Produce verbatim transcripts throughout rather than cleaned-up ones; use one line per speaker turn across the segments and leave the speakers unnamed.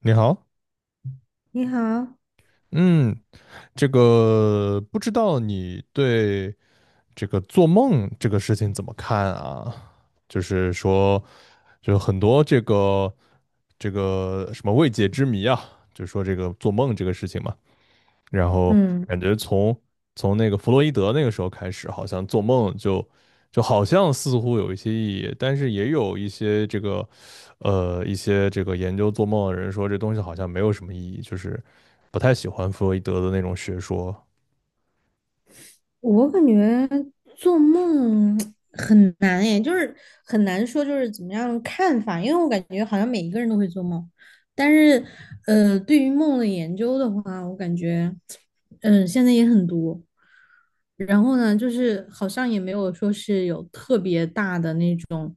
你好。
你好。
嗯，这个不知道你对这个做梦这个事情怎么看啊？就是说，就很多这个这个什么未解之谜啊，就说这个做梦这个事情嘛。然后
嗯，
感觉从从那个弗洛伊德那个时候开始，好像做梦就就好像似乎有一些意义，但是也有一些这个呃一些这个研究做梦的人说这东西好像没有什么意义，就是不太喜欢弗洛伊德的那种学说。
我感觉做梦很难诶，就是很难说就是怎么样看法，因为我感觉好像每一个人都会做梦，但是呃，对于梦的研究的话，我感觉嗯、呃现在也很多。然后呢，就是好像也没有说是有特别大的那种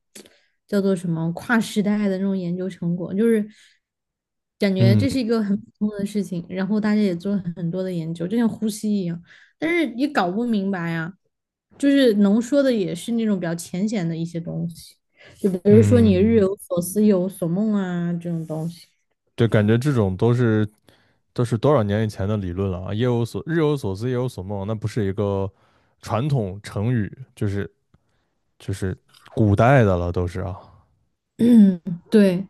叫做什么跨时代的那种研究成果，就是感觉
嗯
这是一个很普通的事情，然后大家也做了很多的研究，就像呼吸一样，但是也搞不明白呀，就是能说的也是那种比较浅显的一些东西，就比如说你日
嗯，
有所思夜有所梦啊这种东西。
对，感觉这种都是都是多少年以前的理论了啊。夜有所日有所思，夜有所梦，那不是一个传统成语，就是就是古代的了，都是啊。
对。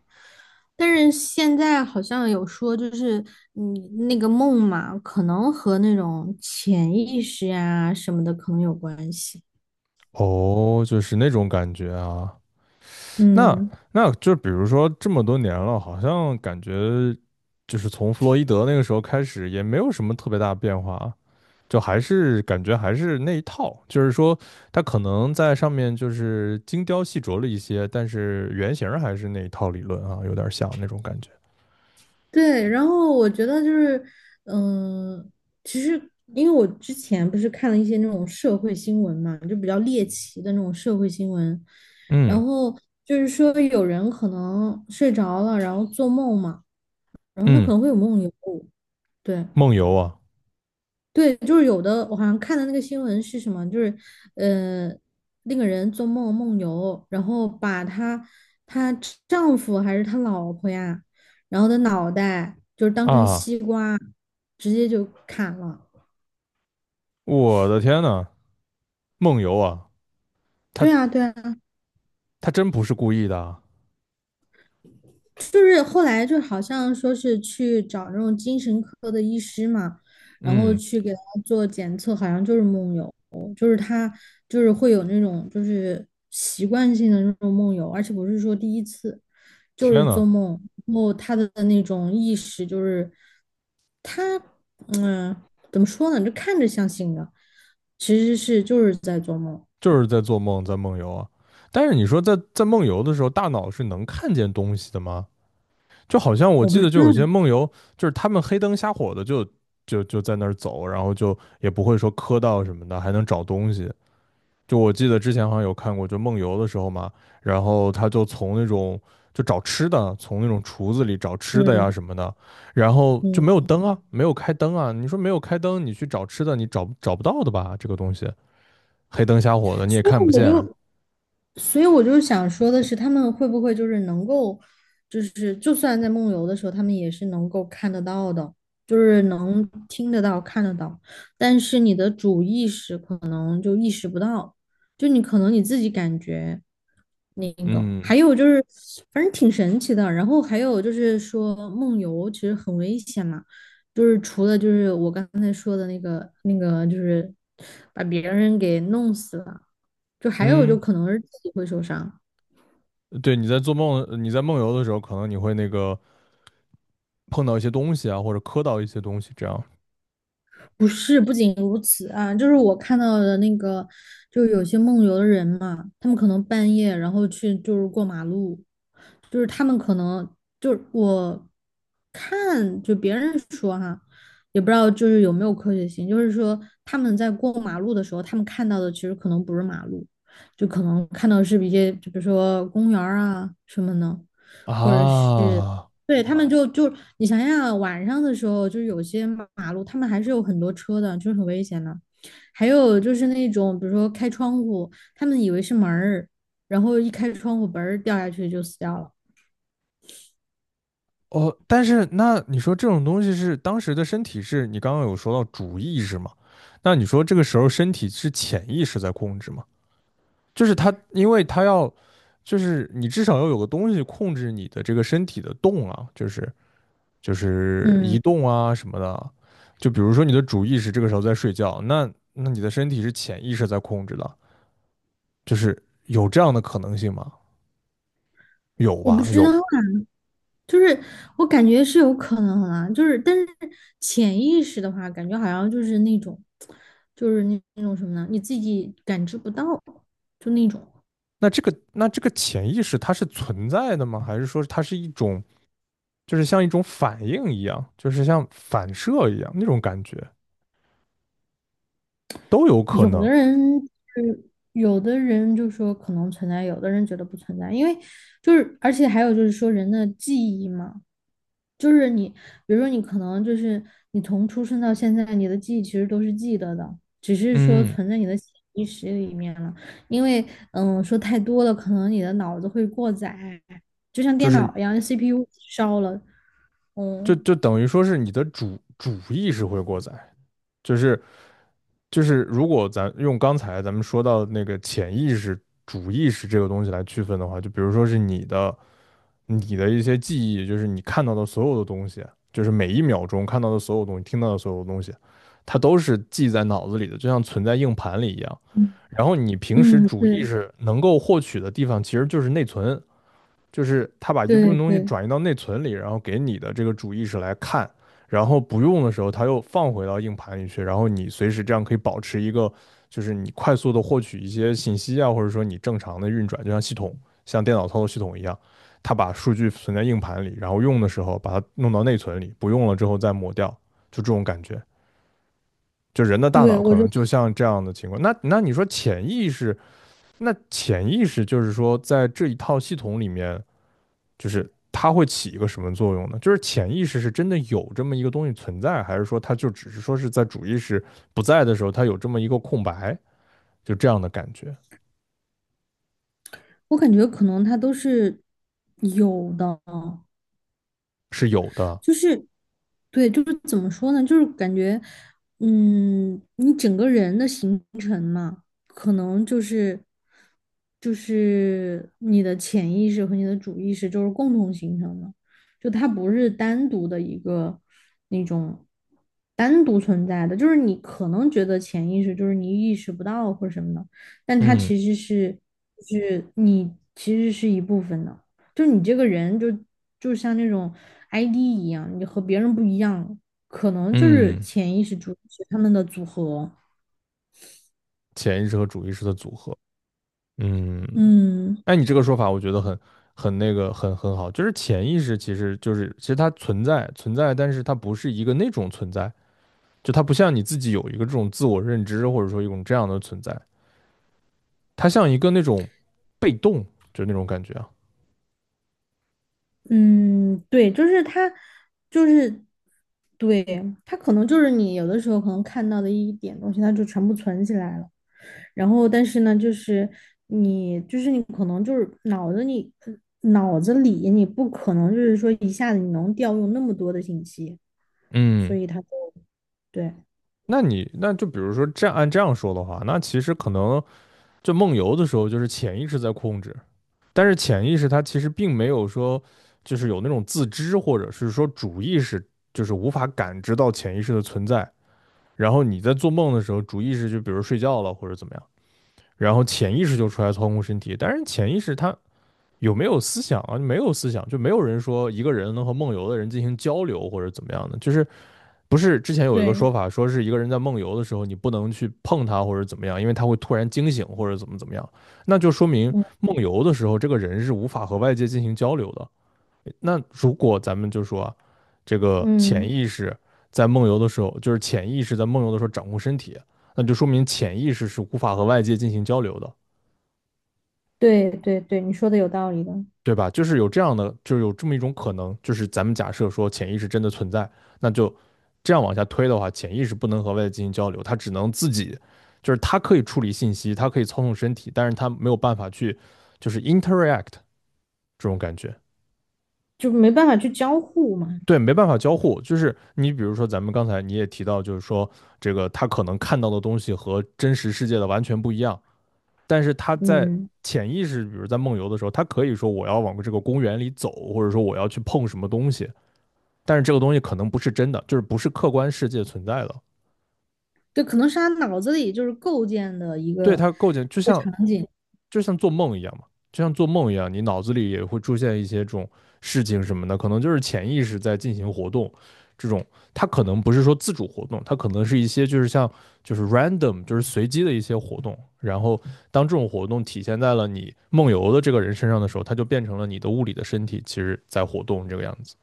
但是现在好像有说，就是嗯，那个梦嘛，可能和那种潜意识呀、什么的可能有关系。
哦，就是那种感觉啊。那
嗯，
那就比如说这么多年了，好像感觉就是从弗洛伊德那个时候开始，也没有什么特别大的变化啊，就还是感觉还是那一套，就是说他可能在上面就是精雕细琢了一些，但是原型儿还是那一套理论啊，有点像那种感觉。
对。然后我觉得就是，嗯、其实因为我之前不是看了一些那种社会新闻嘛，就比较猎奇的那种社会新闻，然
嗯
后就是说有人可能睡着了，然后做梦嘛，然后他可
嗯。
能会有梦游，对。
梦游啊
对，就是有的，我好像看的那个新闻是什么，就是，呃，那个人做梦梦游，然后把她她丈夫还是她老婆呀，然后的脑袋就是当成
啊，
西瓜，直接就砍了。
我的天呐，梦游啊。他
对啊，对啊，
他真不是故意的啊。
就是后来就好像说是去找那种精神科的医师嘛，然后
嗯，
去给他做检测，好像就是梦游，就是他就是会有那种就是习惯性的那种梦游，而且不是说第一次，就
天
是做
呐。
梦，然后他的那种意识就是他嗯怎么说呢，就看着像醒的，其实是就是在做梦。
就是在做梦，在梦游啊。但是你说在在梦游的时候，大脑是能看见东西的吗？就好像我
我不
记
知
得，就有些
道。
梦游，就是他们黑灯瞎火的就就就在那儿走，然后就也不会说磕到什么的，还能找东西。就我记得之前好像有看过，就梦游的时候嘛，然后他就从那种就找吃的，从那种厨子里找吃的呀
嗯，
什么的，然后就没有
嗯。
灯啊，没有开灯啊。你说没有开灯，你去找吃的，你找找不到的吧？这个东西黑灯瞎火的，你也
所以
看不
我
见。
就所以我就想说的是，他们会不会就是能够，就是就算在梦游的时候，他们也是能够看得到的，就是能听得到、看得到，但是你的主意识可能就意识不到，就你可能你自己感觉那个。
嗯
还有就是，反正挺神奇的。然后还有就是说，梦游其实很危险嘛，就是除了就是我刚才说的那个那个，就是把别人给弄死了，就还有就
嗯，
可能是自己会受伤。
对，你在做梦，你在梦游的时候，可能你会那个碰到一些东西啊，或者磕到一些东西，这样
不是，不仅如此啊，就是我看到的那个，就是有些梦游的人嘛，他们可能半夜然后去就是过马路，就是他们可能就是我看就别人说哈，也不知道就是有没有科学性，就是说他们在过马路的时候，他们看到的其实可能不是马路，就可能看到的是一些就比如说公园儿啊什么的。
啊。
对，他们就就你想想啊，晚上的时候，就是有些马路，他们还是有很多车的，就是很危险的。还有就是那种，比如说开窗户，他们以为是门儿，然后一开窗户，嘣儿掉下去就死掉了。
哦，但是那你说这种东西是当时的身体是你刚刚有说到主意识嘛？那你说这个时候身体是潜意识在控制吗？就是它，因为它要，就是你至少要有个东西控制你的这个身体的动啊，就是。就是移
嗯，
动啊什么的。就比如说你的主意识这个时候在睡觉，那那你的身体是潜意识在控制的，就是有这样的可能性吗？有
我不
吧，
知
有。
道啊，就是我感觉是有可能啊，就是但是潜意识的话，感觉好像就是那种，就是那那种什么呢？你自己感知不到，就那种。
那这个那这个潜意识它是存在的吗？还是说它是一种就是像一种反应一样，就是像反射一样那种感觉都有可
有的
能。
人就是有的人就说可能存在，有的人觉得不存在，因为就是而且还有就是说人的记忆嘛，就是你比如说你可能就是你从出生到现在，你的记忆其实都是记得的，只是说
嗯，
存在你的潜意识里面了，因为嗯说太多了，可能你的脑子会过载，就像
就
电
是
脑一样，C P U 烧了。
就
嗯，
就等于说是你的主主意识会过载，就是就是如果咱用刚才咱们说到那个潜意识、主意识这个东西来区分的话，就比如说是你的、你的一些记忆，就是你看到的所有的东西，就是每一秒钟看到的所有东西、听到的所有东西，它都是记在脑子里的，就像存在硬盘里一样。
嗯，
然后你平时
嗯，
主
对，
意识能够获取的地方，其实就是内存，就是他把一部分
对，
东西
对。
转移到内存里，然后给你的这个主意识来看，然后不用的时候他又放回到硬盘里去，然后你随时这样可以保持一个，就是你快速的获取一些信息啊，或者说你正常的运转，就像系统像电脑操作系统一样，它把数据存在硬盘里，然后用的时候把它弄到内存里，不用了之后再抹掉，就这种感觉。就人的大
对，
脑
我
可
就
能就像这样的情况，那那你说潜意识，那潜意识就是说在这一套系统里面。就是它会起一个什么作用呢？就是潜意识是真的有这么一个东西存在，还是说它就只是说是在主意识不在的时候，它有这么一个空白，就这样的感觉
我感觉可能他都是有的，
是有的。
就是，对，就是怎么说呢？就是感觉，嗯，你整个人的形成嘛，可能就是，就是你的潜意识和你的主意识就是共同形成的，就它不是单独的一个那种单独存在的，就是你可能觉得潜意识就是你意识不到或者什么的，但它
嗯
其实是，是你其实是一部分的。就你这个人就就像那种 I D 一样，你和别人不一样，可能就是
嗯。
潜意识主是他们的组合。
潜意识和主意识的组合。嗯。
嗯，
哎，你这个说法我觉得很很那个很很好，就是潜意识其实就是其实它存在存在，但是它不是一个那种存在，就它不像你自己有一个这种自我认知或者说一种这样的存在，它像一个那种被动，就那种感觉啊。
嗯。对，就是他，就是对他可能就是你有的时候可能看到的一点东西，他就全部存起来了。然后，但是呢，就是你，就是你可能就是脑子里，脑子里你不可能就是说一下子你能调用那么多的信息，所
嗯，
以他就对
那你那就比如说这样按这样说的话，那其实可能就梦游的时候，就是潜意识在控制，但是潜意识它其实并没有说就是有那种自知，或者是说主意识就是无法感知到潜意识的存在。然后你在做梦的时候，主意识就比如睡觉了或者怎么样，然后潜意识就出来操控身体，但是潜意识它有没有思想啊？没有思想，就没有人说一个人能和梦游的人进行交流或者怎么样的，就是不是之前有一个
对。
说法，说是一个人在梦游的时候，你不能去碰他或者怎么样，因为他会突然惊醒或者怎么怎么样，那就说明
嗯，
梦游的时候这个人是无法和外界进行交流的。那如果咱们就说啊这个
嗯。
潜意识在梦游的时候，就是潜意识在梦游的时候掌控身体，那就说明潜意识是无法和外界进行交流的。
对，对，对，你说的有道理的，
对吧？就是有这样的，就是有这么一种可能，就是咱们假设说潜意识真的存在，那就这样往下推的话，潜意识不能和外界进行交流，它只能自己，就是它可以处理信息，它可以操纵身体，但是它没有办法去就是 interact 这种感觉，
就没办法去交互嘛。
对，没办法交互。就是你比如说咱们刚才你也提到，就是说这个他可能看到的东西和真实世界的完全不一样，但是他在
嗯，
潜意识，比如在梦游的时候，他可以说我要往这个公园里走，或者说我要去碰什么东西。但是这个东西可能不是真的，就是不是客观世界存在的。
对，可能是他脑子里就是构建的一
对
个
它构建，
一
就
个
像
场景。
就像做梦一样嘛，就像做梦一样，你脑子里也会出现一些这种事情什么的，可能就是潜意识在进行活动。这种它可能不是说自主活动，它可能是一些就是像就是 random 就是随机的一些活动。然后当这种活动体现在了你梦游的这个人身上的时候，它就变成了你的物理的身体其实在活动这个样子。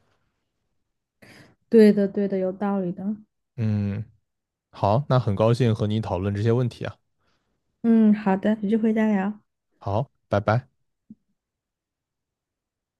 对的，对的，有道理的。
嗯，好，那很高兴和你讨论这些问题啊。
嗯，好的，有机会再聊。
好，拜拜。